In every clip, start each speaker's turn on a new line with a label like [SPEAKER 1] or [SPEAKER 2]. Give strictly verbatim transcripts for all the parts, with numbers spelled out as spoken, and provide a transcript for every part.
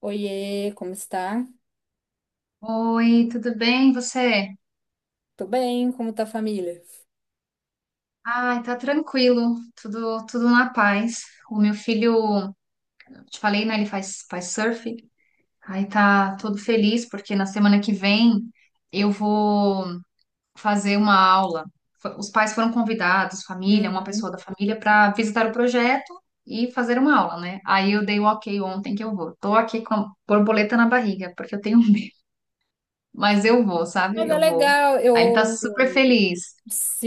[SPEAKER 1] Oiê, como está?
[SPEAKER 2] Oi, tudo bem? Você?
[SPEAKER 1] Tô bem, como tá a família?
[SPEAKER 2] Ai, tá tranquilo, tudo tudo na paz. O meu filho, eu te falei, né? Ele faz faz surf. Aí tá todo feliz porque na semana que vem eu vou fazer uma aula. F- Os pais foram convidados, família, uma pessoa
[SPEAKER 1] Uhum.
[SPEAKER 2] da família, para visitar o projeto e fazer uma aula, né? Aí eu dei o ok ontem que eu vou. Tô aqui com a borboleta na barriga porque eu tenho Mas eu vou, sabe?
[SPEAKER 1] Mas é
[SPEAKER 2] Eu vou.
[SPEAKER 1] legal, eu
[SPEAKER 2] Aí ele tá super feliz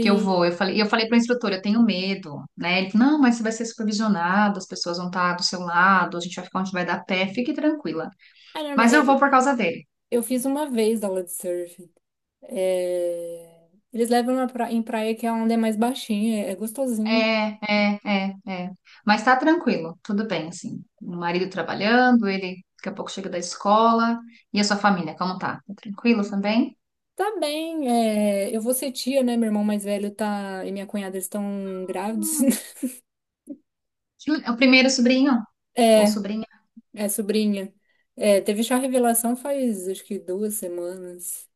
[SPEAKER 2] que eu vou. Eu falei, e eu falei para o instrutor, eu tenho medo, né? Ele, não, mas você vai ser supervisionado, as pessoas vão estar do seu lado, a gente vai ficar onde vai dar pé, fique tranquila.
[SPEAKER 1] É normal.
[SPEAKER 2] Mas eu vou
[SPEAKER 1] Eu,
[SPEAKER 2] por causa dele.
[SPEAKER 1] eu fiz uma vez aula de surf. É, eles levam na pra- em praia que a onde é mais baixinha, é, é gostosinho.
[SPEAKER 2] É, é, é, é. Mas tá tranquilo, tudo bem, assim. O marido trabalhando, ele daqui a pouco chega da escola. E a sua família, como tá? Tá tranquilo também?
[SPEAKER 1] Tá bem, é, eu vou ser tia, né? Meu irmão mais velho tá e minha cunhada estão grávidos.
[SPEAKER 2] Hum. Que le- É o primeiro sobrinho ou
[SPEAKER 1] É,
[SPEAKER 2] sobrinha?
[SPEAKER 1] é sobrinha. É, teve chá revelação faz acho que duas semanas.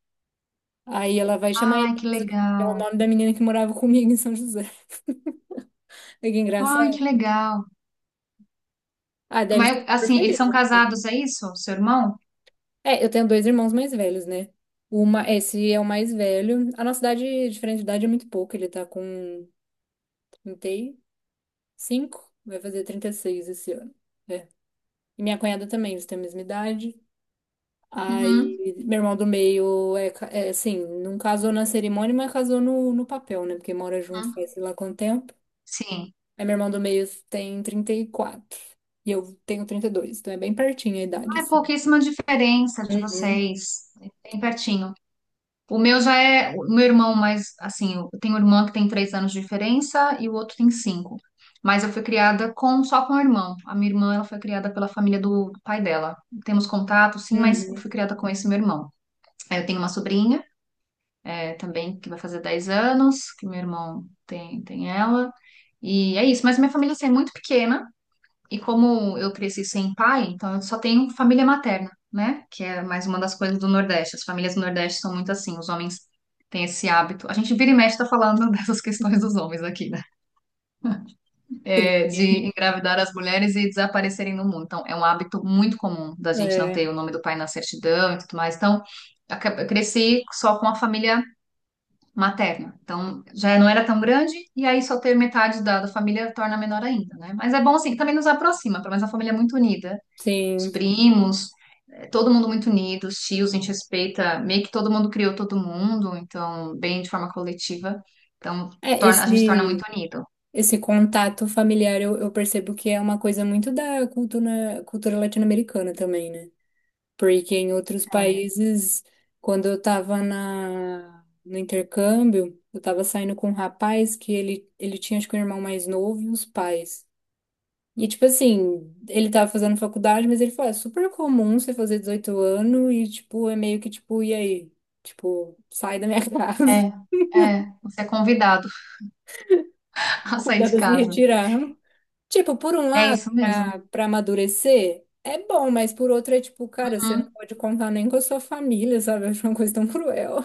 [SPEAKER 1] Aí ela vai chamar
[SPEAKER 2] Ai, que
[SPEAKER 1] Elisa, que é o
[SPEAKER 2] legal.
[SPEAKER 1] nome da menina que morava comigo em São José. Olha, que
[SPEAKER 2] Ai,
[SPEAKER 1] engraçado.
[SPEAKER 2] que legal.
[SPEAKER 1] Ah, daí eles estão
[SPEAKER 2] Mas,
[SPEAKER 1] super
[SPEAKER 2] assim, eles
[SPEAKER 1] felizes,
[SPEAKER 2] são
[SPEAKER 1] assim.
[SPEAKER 2] casados, é isso? Seu irmão?
[SPEAKER 1] É, eu tenho dois irmãos mais velhos, né? Uma, esse é o mais velho. A nossa idade, diferente de idade, é muito pouco. Ele tá com trinta e cinco, vai fazer trinta e seis esse ano. É. E minha cunhada também, eles têm a mesma idade.
[SPEAKER 2] Uhum.
[SPEAKER 1] Aí, meu irmão do meio é, ca- é assim, não casou na cerimônia, mas casou no, no papel, né? Porque mora junto
[SPEAKER 2] uhum.
[SPEAKER 1] faz sei lá quanto tempo.
[SPEAKER 2] Sim.
[SPEAKER 1] Aí meu irmão do meio tem trinta e quatro e quatro e eu tenho trinta e dois, então é bem pertinho a idade,
[SPEAKER 2] Ah, É
[SPEAKER 1] assim.
[SPEAKER 2] pouquíssima diferença de
[SPEAKER 1] Uhum,
[SPEAKER 2] vocês. Bem pertinho. O meu já é. O meu irmão, mas, assim, eu tenho um irmão que tem três anos de diferença e o outro tem cinco. Mas eu fui criada com só com o irmão. A minha irmã, ela foi criada pela família do pai dela. Temos contato, sim, mas eu
[SPEAKER 1] uhum.
[SPEAKER 2] fui criada com esse meu irmão. Aí eu tenho uma sobrinha, é, também, que vai fazer dez anos, que meu irmão tem, tem ela. E é isso, mas minha família assim, é muito pequena. E como eu cresci sem pai, então eu só tenho família materna, né? Que é mais uma das coisas do Nordeste. As famílias do Nordeste são muito assim, os homens têm esse hábito. A gente vira e mexe tá falando dessas questões dos homens aqui, né? É, de
[SPEAKER 1] Felizmente.
[SPEAKER 2] engravidar as mulheres e desaparecerem no mundo. Então, é um hábito muito comum da gente não
[SPEAKER 1] É,
[SPEAKER 2] ter o nome do pai na certidão e tudo mais. Então, aca- eu cresci só com a família materna. Então, já não era tão grande, e aí só ter metade da, da família torna menor ainda, né? Mas é bom assim, também nos aproxima, pelo menos a família é muito unida, os
[SPEAKER 1] sim.
[SPEAKER 2] primos, é, todo mundo muito unido, os tios, a gente respeita, meio que todo mundo criou todo mundo, então, bem de forma coletiva. Então,
[SPEAKER 1] É,
[SPEAKER 2] torna, a gente torna muito
[SPEAKER 1] esse,
[SPEAKER 2] unido.
[SPEAKER 1] esse contato familiar eu, eu percebo que é uma coisa muito da cultura, cultura latino-americana também, né? Porque em outros
[SPEAKER 2] É,
[SPEAKER 1] países, quando eu tava na, no intercâmbio, eu tava saindo com um rapaz que ele, ele tinha, acho que um irmão mais novo e os pais. E, tipo assim, ele tava fazendo faculdade, mas ele falou, é super comum você fazer dezoito anos e, tipo, é meio que, tipo, e aí? Tipo, sai da minha casa,
[SPEAKER 2] é, é, você é convidado a sair de
[SPEAKER 1] cuidado a se
[SPEAKER 2] casa.
[SPEAKER 1] retirar. Tipo, por um
[SPEAKER 2] É
[SPEAKER 1] lado,
[SPEAKER 2] isso mesmo.
[SPEAKER 1] pra, pra amadurecer, é bom, mas por outro é, tipo, cara, você não
[SPEAKER 2] Uhum.
[SPEAKER 1] pode contar nem com a sua família, sabe? Eu acho uma coisa tão cruel.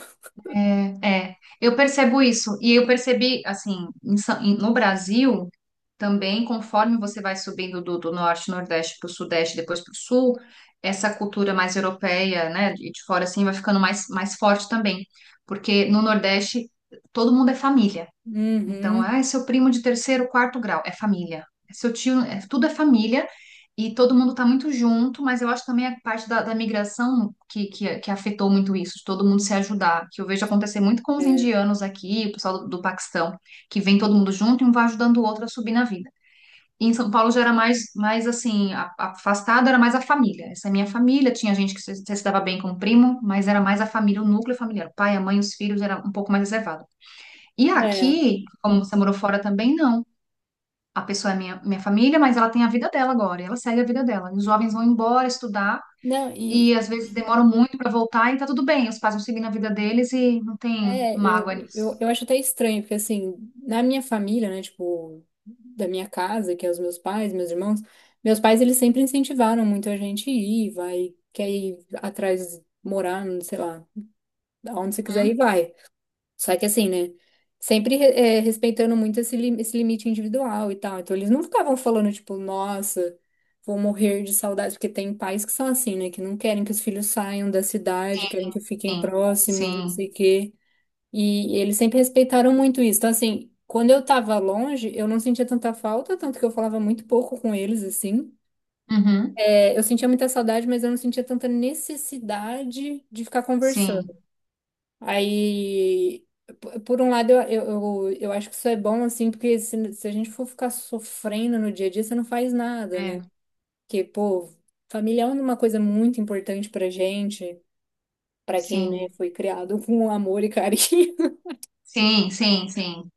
[SPEAKER 2] É, é. eu percebo isso. E eu percebi, assim, em Sa- em- no Brasil, também, conforme você vai subindo do, do norte, nordeste para o sudeste, depois para o sul, essa cultura mais europeia, né, de, de fora, assim, vai ficando mais, mais forte também. Porque no nordeste, todo mundo é família. Então, ah,
[SPEAKER 1] Uhum.
[SPEAKER 2] é seu primo de terceiro, quarto grau, é família. É seu tio, é- tudo é família e todo mundo está muito junto, mas eu acho também a parte da, da migração que, que, que afetou muito isso, de todo mundo se ajudar, que eu vejo acontecer muito com os
[SPEAKER 1] É.
[SPEAKER 2] indianos aqui, o pessoal do, do Paquistão, que vem todo mundo junto e um vai ajudando o outro a subir na vida. E em São Paulo já era mais, mais assim, a- afastado, era mais a família. Essa é a minha família, tinha gente que se, se dava bem com o primo, mas era mais a família, o núcleo familiar, o pai, a mãe, os filhos, era um pouco mais reservado. E
[SPEAKER 1] É.
[SPEAKER 2] aqui, como você morou fora também, não. A pessoa é minha, minha família, mas ela tem a vida dela agora, e ela segue a vida dela. Os jovens vão embora estudar
[SPEAKER 1] Não,
[SPEAKER 2] e
[SPEAKER 1] e
[SPEAKER 2] às vezes demoram muito para voltar e tá tudo bem. Os pais vão seguir na vida deles e não tem
[SPEAKER 1] É, eu,
[SPEAKER 2] mágoa nisso.
[SPEAKER 1] eu, eu acho até estranho, porque assim, na minha família, né, tipo, da minha casa, que é os meus pais, meus irmãos, meus pais, eles sempre incentivaram muito a gente ir, vai, quer ir atrás, morar, não sei lá, aonde você quiser ir,
[SPEAKER 2] Uhum.
[SPEAKER 1] vai. Só que assim, né, sempre é, respeitando muito esse, lim- esse limite individual e tal. Então, eles não ficavam falando, tipo, nossa, vou morrer de saudade, porque tem pais que são assim, né, que não querem que os filhos saiam da cidade,
[SPEAKER 2] Sim,
[SPEAKER 1] querem que fiquem
[SPEAKER 2] sim,
[SPEAKER 1] próximos, não
[SPEAKER 2] sim.
[SPEAKER 1] sei o quê. E eles sempre respeitaram muito isso. Então, assim, quando eu tava longe, eu não sentia tanta falta, tanto que eu falava muito pouco com eles, assim.
[SPEAKER 2] uhum,
[SPEAKER 1] É, eu sentia muita saudade, mas eu não sentia tanta necessidade de ficar conversando.
[SPEAKER 2] sim,
[SPEAKER 1] Aí, p- por um lado, eu, eu, eu, eu acho que isso é bom, assim, porque se, se a gente for ficar sofrendo no dia a dia, você não faz nada,
[SPEAKER 2] é,
[SPEAKER 1] né? Porque, pô, família é uma coisa muito importante pra gente, pra quem, né,
[SPEAKER 2] sim,
[SPEAKER 1] foi criado com amor e carinho.
[SPEAKER 2] sim, sim, sim,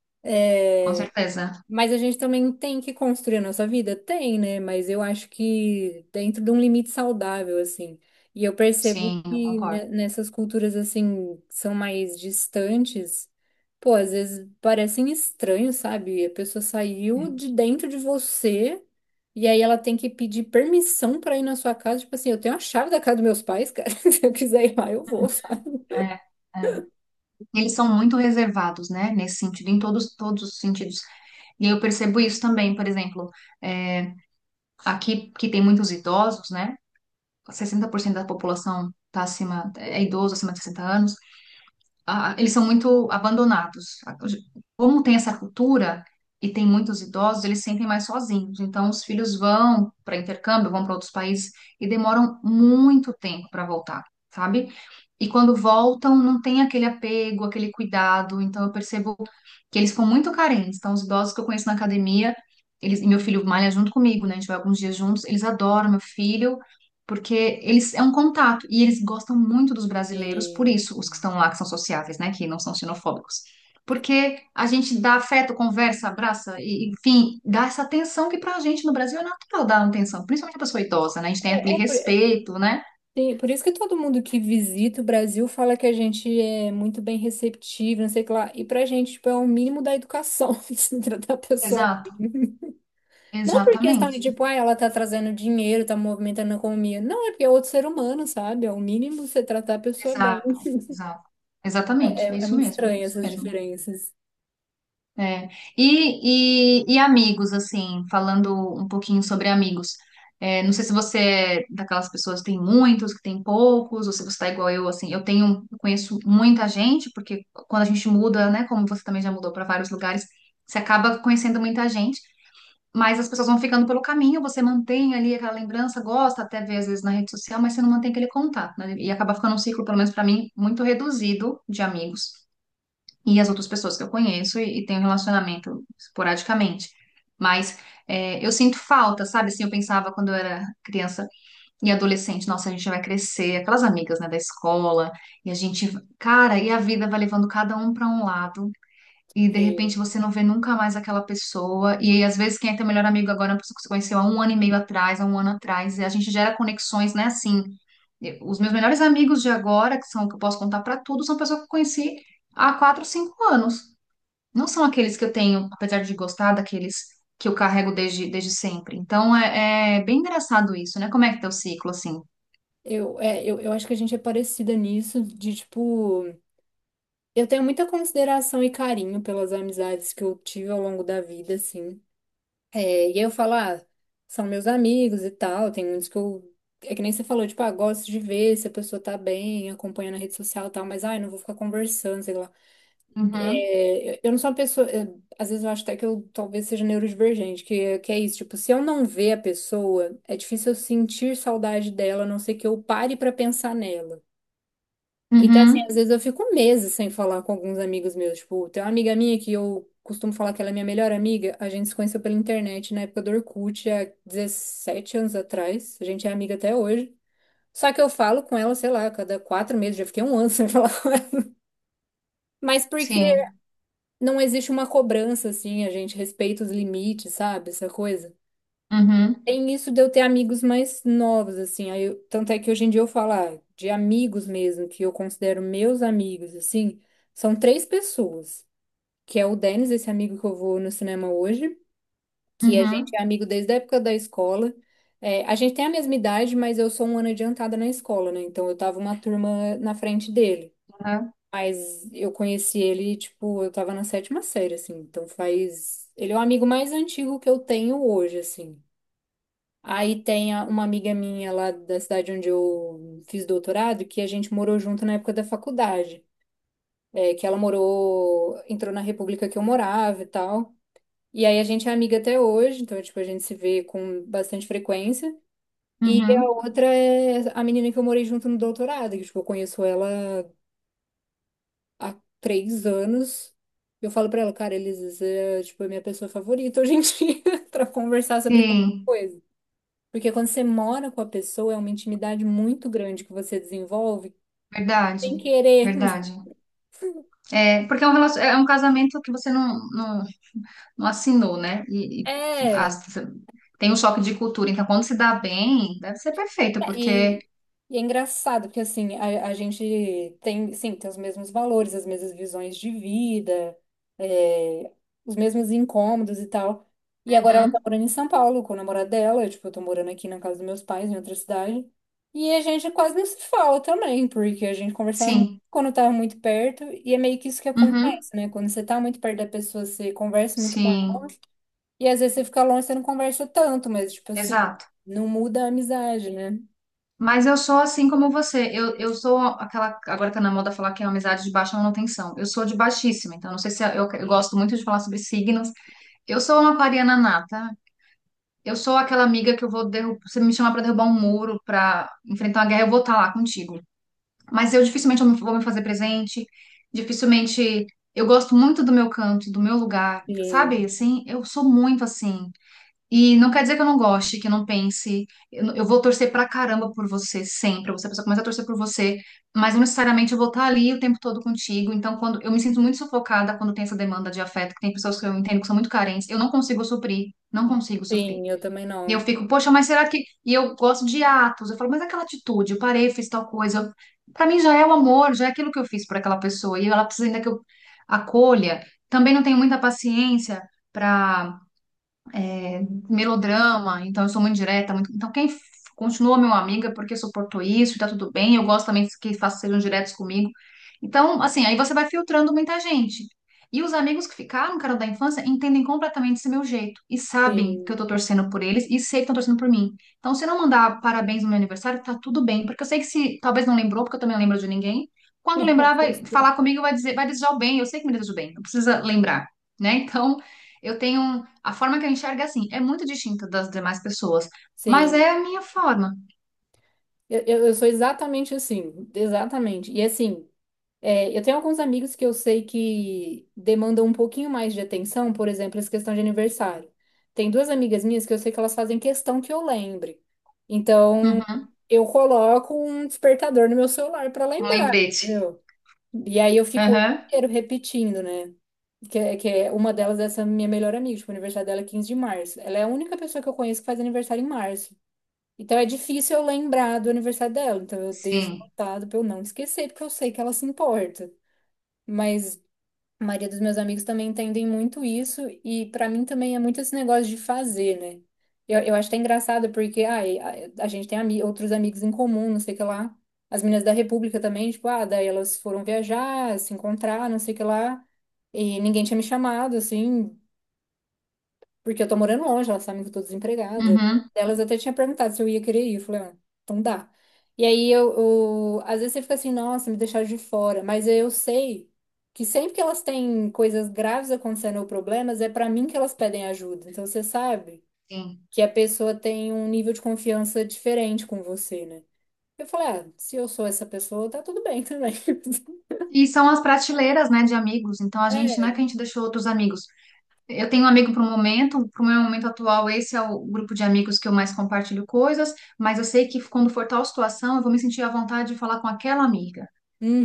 [SPEAKER 2] com certeza,
[SPEAKER 1] Mas a gente também tem que construir a nossa vida? Tem, né? Mas eu acho que dentro de um limite saudável, assim. E eu percebo
[SPEAKER 2] sim, eu
[SPEAKER 1] que
[SPEAKER 2] concordo.
[SPEAKER 1] né, nessas culturas, assim, que são mais distantes, pô, às vezes parecem estranhos, sabe? A pessoa saiu de dentro de você e aí ela tem que pedir permissão pra ir na sua casa. Tipo assim, eu tenho a chave da casa dos meus pais, cara. Se eu quiser ir lá, eu vou,
[SPEAKER 2] É, é. é. Eles são muito reservados, né, nesse sentido, em todos, todos os sentidos. E eu percebo isso também, por exemplo. é, Aqui, que tem muitos idosos, né? Sessenta por cento da população está acima, é idoso acima de sessenta anos, ah, eles são muito abandonados. Como tem essa cultura e tem muitos idosos, eles sentem mais sozinhos. Então, os filhos vão para intercâmbio, vão para outros países e demoram muito tempo para voltar, sabe? E quando voltam, não tem aquele apego, aquele cuidado. Então, eu percebo que eles ficam muito carentes. Então, os idosos que eu conheço na academia, eles, e meu filho malha junto comigo, né? A gente vai alguns dias juntos, eles adoram meu filho porque eles é um contato e eles gostam muito dos brasileiros, por
[SPEAKER 1] sim.
[SPEAKER 2] isso os que estão lá que são sociáveis, né, que não são xenofóbicos. Porque a gente dá afeto, conversa, abraça, e, enfim, dá essa atenção que pra gente no Brasil é natural dar atenção, principalmente a pessoa idosa, né? A gente tem
[SPEAKER 1] É,
[SPEAKER 2] aquele
[SPEAKER 1] é por, é-
[SPEAKER 2] respeito, né?
[SPEAKER 1] tem- por isso que todo mundo que visita o Brasil fala que a gente é muito bem receptivo, não sei o que lá. E pra gente, tipo, é o mínimo da educação se tratar a pessoa
[SPEAKER 2] Exato,
[SPEAKER 1] bem. Não por questão de,
[SPEAKER 2] exatamente.
[SPEAKER 1] tipo, ah, ela tá trazendo dinheiro, tá movimentando a economia. Não, é porque é outro ser humano, sabe? É o mínimo você tratar a pessoa bem.
[SPEAKER 2] Exato, exato.
[SPEAKER 1] É,
[SPEAKER 2] Exatamente, é
[SPEAKER 1] é- é
[SPEAKER 2] isso
[SPEAKER 1] muito
[SPEAKER 2] mesmo, é
[SPEAKER 1] estranho
[SPEAKER 2] isso
[SPEAKER 1] essas
[SPEAKER 2] mesmo.
[SPEAKER 1] diferenças.
[SPEAKER 2] É. E, e, e amigos, assim, falando um pouquinho sobre amigos. É, não sei se você é daquelas pessoas que tem muitos, que tem poucos, ou se você tá igual eu, assim. Eu tenho, eu conheço muita gente, porque quando a gente muda, né, como você também já mudou para vários lugares, você acaba conhecendo muita gente, mas as pessoas vão ficando pelo caminho, você mantém ali aquela lembrança, gosta até ver às vezes na rede social, mas você não mantém aquele contato, né? E acaba ficando um ciclo, pelo menos para mim, muito reduzido de amigos e as outras pessoas que eu conheço e, e tenho relacionamento esporadicamente. Mas é, eu sinto falta, sabe? Assim, eu pensava quando eu era criança e adolescente, nossa, a gente vai crescer, aquelas amigas, né, da escola, e a gente, cara, e a vida vai levando cada um para um lado, e de repente
[SPEAKER 1] Sim.
[SPEAKER 2] você não vê nunca mais aquela pessoa, e aí, às vezes quem é teu melhor amigo agora é uma pessoa que você conheceu há um ano e meio atrás, há um ano atrás, e a gente gera conexões, né, assim. eu- Os meus melhores amigos de agora, que são que eu posso contar para tudo, são pessoas que eu conheci há quatro, cinco anos, não são aqueles que eu tenho, apesar de gostar, daqueles que eu carrego desde, desde sempre. Então é, é bem engraçado isso, né? Como é que é o ciclo, assim?
[SPEAKER 1] Eu, é, eu, eu acho que a gente é parecida nisso, de tipo, eu tenho muita consideração e carinho pelas amizades que eu tive ao longo da vida, assim. É, e aí eu falo, ah, são meus amigos e tal, tem muitos que eu. É que nem você falou, tipo, ah, gosto de ver se a pessoa tá bem, acompanha na rede social e tal, mas ai, não vou ficar conversando, sei lá.
[SPEAKER 2] Uhum,
[SPEAKER 1] É, eu não sou uma pessoa. Eu- às vezes eu acho até que eu talvez seja neurodivergente, que, que é isso. Tipo, se eu não ver a pessoa, é difícil eu sentir saudade dela, a não ser que eu pare pra pensar nela. Então, assim, às
[SPEAKER 2] uhum,
[SPEAKER 1] vezes eu fico meses sem falar com alguns amigos meus. Tipo, tem uma amiga minha que eu costumo falar que ela é minha melhor amiga. A gente se conheceu pela internet na época do Orkut, há dezessete anos atrás. A gente é amiga até hoje. Só que eu falo com ela, sei lá, a cada quatro meses, já fiquei um ano sem falar. Mas porque
[SPEAKER 2] sim,
[SPEAKER 1] não existe uma cobrança, assim, a gente respeita os limites, sabe? Essa coisa.
[SPEAKER 2] uhum,
[SPEAKER 1] Tem isso de eu ter amigos mais novos, assim. Aí eu- tanto é que hoje em dia eu falo, ah, de amigos mesmo, que eu considero meus amigos, assim, são três pessoas, que é o Denis, esse amigo que eu vou no cinema hoje, que a gente é
[SPEAKER 2] uhum,
[SPEAKER 1] amigo desde a época da escola. É, a gente tem a mesma idade, mas eu sou um ano adiantada na escola, né? Então eu tava uma turma na frente dele.
[SPEAKER 2] uhum,
[SPEAKER 1] Mas eu conheci ele, tipo, eu tava na sétima série, assim. Então faz. Ele é o amigo mais antigo que eu tenho hoje, assim. Aí tem a- uma amiga minha lá da cidade onde eu fiz doutorado, que a gente morou junto na época da faculdade. É, que ela morou, entrou na república que eu morava e tal. E aí a gente é amiga até hoje, então, tipo, a gente se vê com bastante frequência. E a
[SPEAKER 2] uhum,
[SPEAKER 1] outra é a menina que eu morei junto no doutorado, que, tipo, eu conheço ela há três anos. Eu falo pra ela, cara, Elis, é, tipo, a minha pessoa favorita hoje em dia pra conversar sobre qualquer
[SPEAKER 2] sim,
[SPEAKER 1] coisa. Porque quando você mora com a pessoa, é uma intimidade muito grande que você desenvolve
[SPEAKER 2] verdade,
[SPEAKER 1] sem querer.
[SPEAKER 2] verdade. É, porque é um, relacion- é um casamento que você não, não, não assinou, né? E, e
[SPEAKER 1] É.
[SPEAKER 2] assim, as- tem um choque de cultura, então quando se dá bem, deve ser perfeito,
[SPEAKER 1] É,
[SPEAKER 2] porque.
[SPEAKER 1] E, e é engraçado, porque assim, a, a gente tem, sim, tem os mesmos valores, as mesmas visões de vida, é, os mesmos incômodos e tal. E agora ela tá
[SPEAKER 2] Uhum,
[SPEAKER 1] morando em São Paulo com o namorado dela, eu, tipo, eu tô morando aqui na casa dos meus pais, em outra cidade. E a gente quase não se fala também, porque a gente conversava muito
[SPEAKER 2] sim,
[SPEAKER 1] quando tava muito perto, e é meio que isso que
[SPEAKER 2] uhum,
[SPEAKER 1] acontece, né? Quando você tá muito perto da pessoa, você conversa muito com ela.
[SPEAKER 2] sim,
[SPEAKER 1] E às vezes você fica longe, você não conversa tanto, mas, tipo assim,
[SPEAKER 2] exato.
[SPEAKER 1] não muda a amizade, né?
[SPEAKER 2] Mas eu sou assim como você. Eu, eu sou aquela. Agora tá na moda falar que é amizade de baixa manutenção. Eu sou de baixíssima, então não sei se é, eu, eu gosto muito de falar sobre signos. Eu sou uma aquariana nata. Eu sou aquela amiga que eu vou derrubar. Você me chamar pra derrubar um muro, pra enfrentar uma guerra, eu vou estar lá contigo. Mas eu dificilmente eu vou me fazer presente. Dificilmente. Eu gosto muito do meu canto, do meu lugar,
[SPEAKER 1] E
[SPEAKER 2] sabe? Assim, eu sou muito assim. E não quer dizer que eu não goste, que eu não pense. Eu, eu vou torcer pra caramba por você sempre. Você precisa começar a torcer por você, mas não necessariamente eu vou estar ali o tempo todo contigo. Então, quando eu me sinto muito sufocada quando tem essa demanda de afeto, que tem pessoas que eu entendo que são muito carentes, eu não consigo suprir, não consigo suprir.
[SPEAKER 1] sim, eu também
[SPEAKER 2] E eu
[SPEAKER 1] não.
[SPEAKER 2] fico, poxa, mas será que. E eu gosto de atos. Eu falo, mas aquela atitude, eu parei, fiz tal coisa. Pra mim já é o amor, já é aquilo que eu fiz por aquela pessoa. E ela precisa ainda que eu acolha. Também não tenho muita paciência para é, melodrama, então eu sou muito direta, muito- então quem f- continua meu amigo é porque suportou isso, e tá tudo bem, eu gosto também que façam sejam diretos comigo. Então, assim, aí você vai filtrando muita gente. E os amigos que ficaram, cara, da infância, entendem completamente esse meu jeito e sabem que eu
[SPEAKER 1] Sim.
[SPEAKER 2] tô torcendo por eles e sei que estão torcendo por mim. Então, se eu não mandar parabéns no meu aniversário, tá tudo bem, porque eu sei que se talvez não lembrou, porque eu também não lembro de ninguém. Quando lembrar,
[SPEAKER 1] Pois
[SPEAKER 2] vai
[SPEAKER 1] é.
[SPEAKER 2] falar comigo, e vai dizer, vai desejar o bem. Eu sei que me deseja o bem, não precisa lembrar, né? Então, eu tenho um, a forma que eu enxergo é assim, é muito distinta das demais pessoas, mas é
[SPEAKER 1] Sim.
[SPEAKER 2] a minha forma.
[SPEAKER 1] Eu, eu, eu sou exatamente assim. Exatamente. E assim, é, eu tenho alguns amigos que eu sei que demandam um pouquinho mais de atenção, por exemplo, essa questão de aniversário. Tem duas amigas minhas que eu sei que elas fazem questão que eu lembre. Então,
[SPEAKER 2] Uhum.
[SPEAKER 1] eu coloco um despertador no meu celular para
[SPEAKER 2] Um
[SPEAKER 1] lembrar,
[SPEAKER 2] lembrete.
[SPEAKER 1] entendeu? E aí eu fico o ano
[SPEAKER 2] Aham.
[SPEAKER 1] inteiro repetindo, né? que é, que é uma delas, é essa minha melhor amiga, tipo, o aniversário dela é quinze de março. Ela é a única pessoa que eu conheço que faz aniversário em março. Então é difícil eu lembrar do aniversário dela. Então eu deixo
[SPEAKER 2] Sim.
[SPEAKER 1] anotado pra eu não esquecer, porque eu sei que ela se importa. Mas a maioria dos meus amigos também entendem muito isso, e pra mim também é muito esse negócio de fazer, né? Eu, eu acho até engraçado, porque ai, a, a gente tem ami outros amigos em comum, não sei o que lá. As meninas da República também, tipo, ah, daí elas foram viajar, se encontrar, não sei o que lá, e ninguém tinha me chamado, assim. Porque eu tô morando longe, elas sabem que eu tô desempregada.
[SPEAKER 2] Uhum.
[SPEAKER 1] Elas até tinha perguntado se eu ia querer ir. Eu falei, ah, então dá. E aí eu, eu- às vezes você fica assim, nossa, me deixaram de fora. Mas eu sei que sempre que elas têm coisas graves acontecendo ou problemas, é pra mim que elas pedem ajuda. Então você sabe
[SPEAKER 2] Sim.
[SPEAKER 1] que a pessoa tem um nível de confiança diferente com você, né? Eu falei, ah, se eu sou essa pessoa, tá tudo bem também.
[SPEAKER 2] E são as prateleiras, né, de amigos. Então a gente não é que
[SPEAKER 1] É.
[SPEAKER 2] a gente deixou outros amigos. Eu tenho um amigo para o momento, para o meu momento atual, esse é o grupo de amigos que eu mais compartilho coisas, mas eu sei que quando for tal situação, eu vou me sentir à vontade de falar com aquela amiga.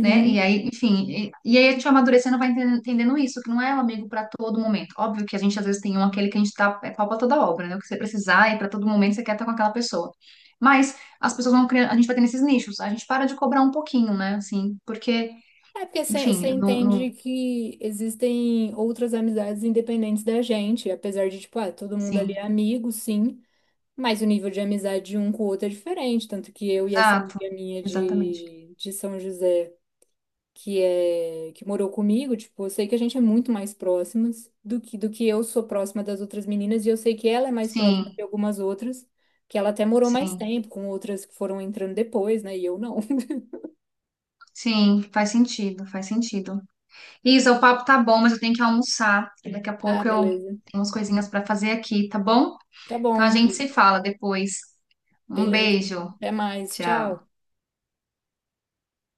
[SPEAKER 2] Né? E aí, enfim, e, e aí a gente vai amadurecendo, vai entendendo, entendendo isso, que não é um amigo para todo momento. Óbvio que a gente às vezes tem um aquele que a gente tá, é pau pra toda obra, né? O que você precisar e para todo momento você quer estar com aquela pessoa. Mas as pessoas vão criando, a gente vai tendo esses nichos, a gente para de cobrar um pouquinho, né? Assim, porque,
[SPEAKER 1] É porque você
[SPEAKER 2] enfim, não,
[SPEAKER 1] entende
[SPEAKER 2] não,
[SPEAKER 1] que existem outras amizades independentes da gente, apesar de, tipo, ah, todo mundo ali é
[SPEAKER 2] sim,
[SPEAKER 1] amigo, sim, mas o nível de amizade de um com o outro é diferente, tanto que eu e essa
[SPEAKER 2] exato,
[SPEAKER 1] amiga minha
[SPEAKER 2] exatamente.
[SPEAKER 1] de, de São José, que é que morou comigo, tipo, eu sei que a gente é muito mais próximas do que, do que eu sou próxima das outras meninas, e eu sei que ela é mais próxima
[SPEAKER 2] Sim,
[SPEAKER 1] de algumas outras, que ela até morou mais
[SPEAKER 2] sim.
[SPEAKER 1] tempo com outras que foram entrando depois, né, e eu não.
[SPEAKER 2] Sim, faz sentido, faz sentido. Isa, o papo tá bom, mas eu tenho que almoçar. Daqui a
[SPEAKER 1] Ah,
[SPEAKER 2] pouco eu
[SPEAKER 1] beleza.
[SPEAKER 2] tenho umas coisinhas para fazer aqui, tá bom?
[SPEAKER 1] Tá
[SPEAKER 2] Então a
[SPEAKER 1] bom.
[SPEAKER 2] gente se fala depois. Um
[SPEAKER 1] Beleza.
[SPEAKER 2] beijo.
[SPEAKER 1] Até mais. Tchau.
[SPEAKER 2] Tchau.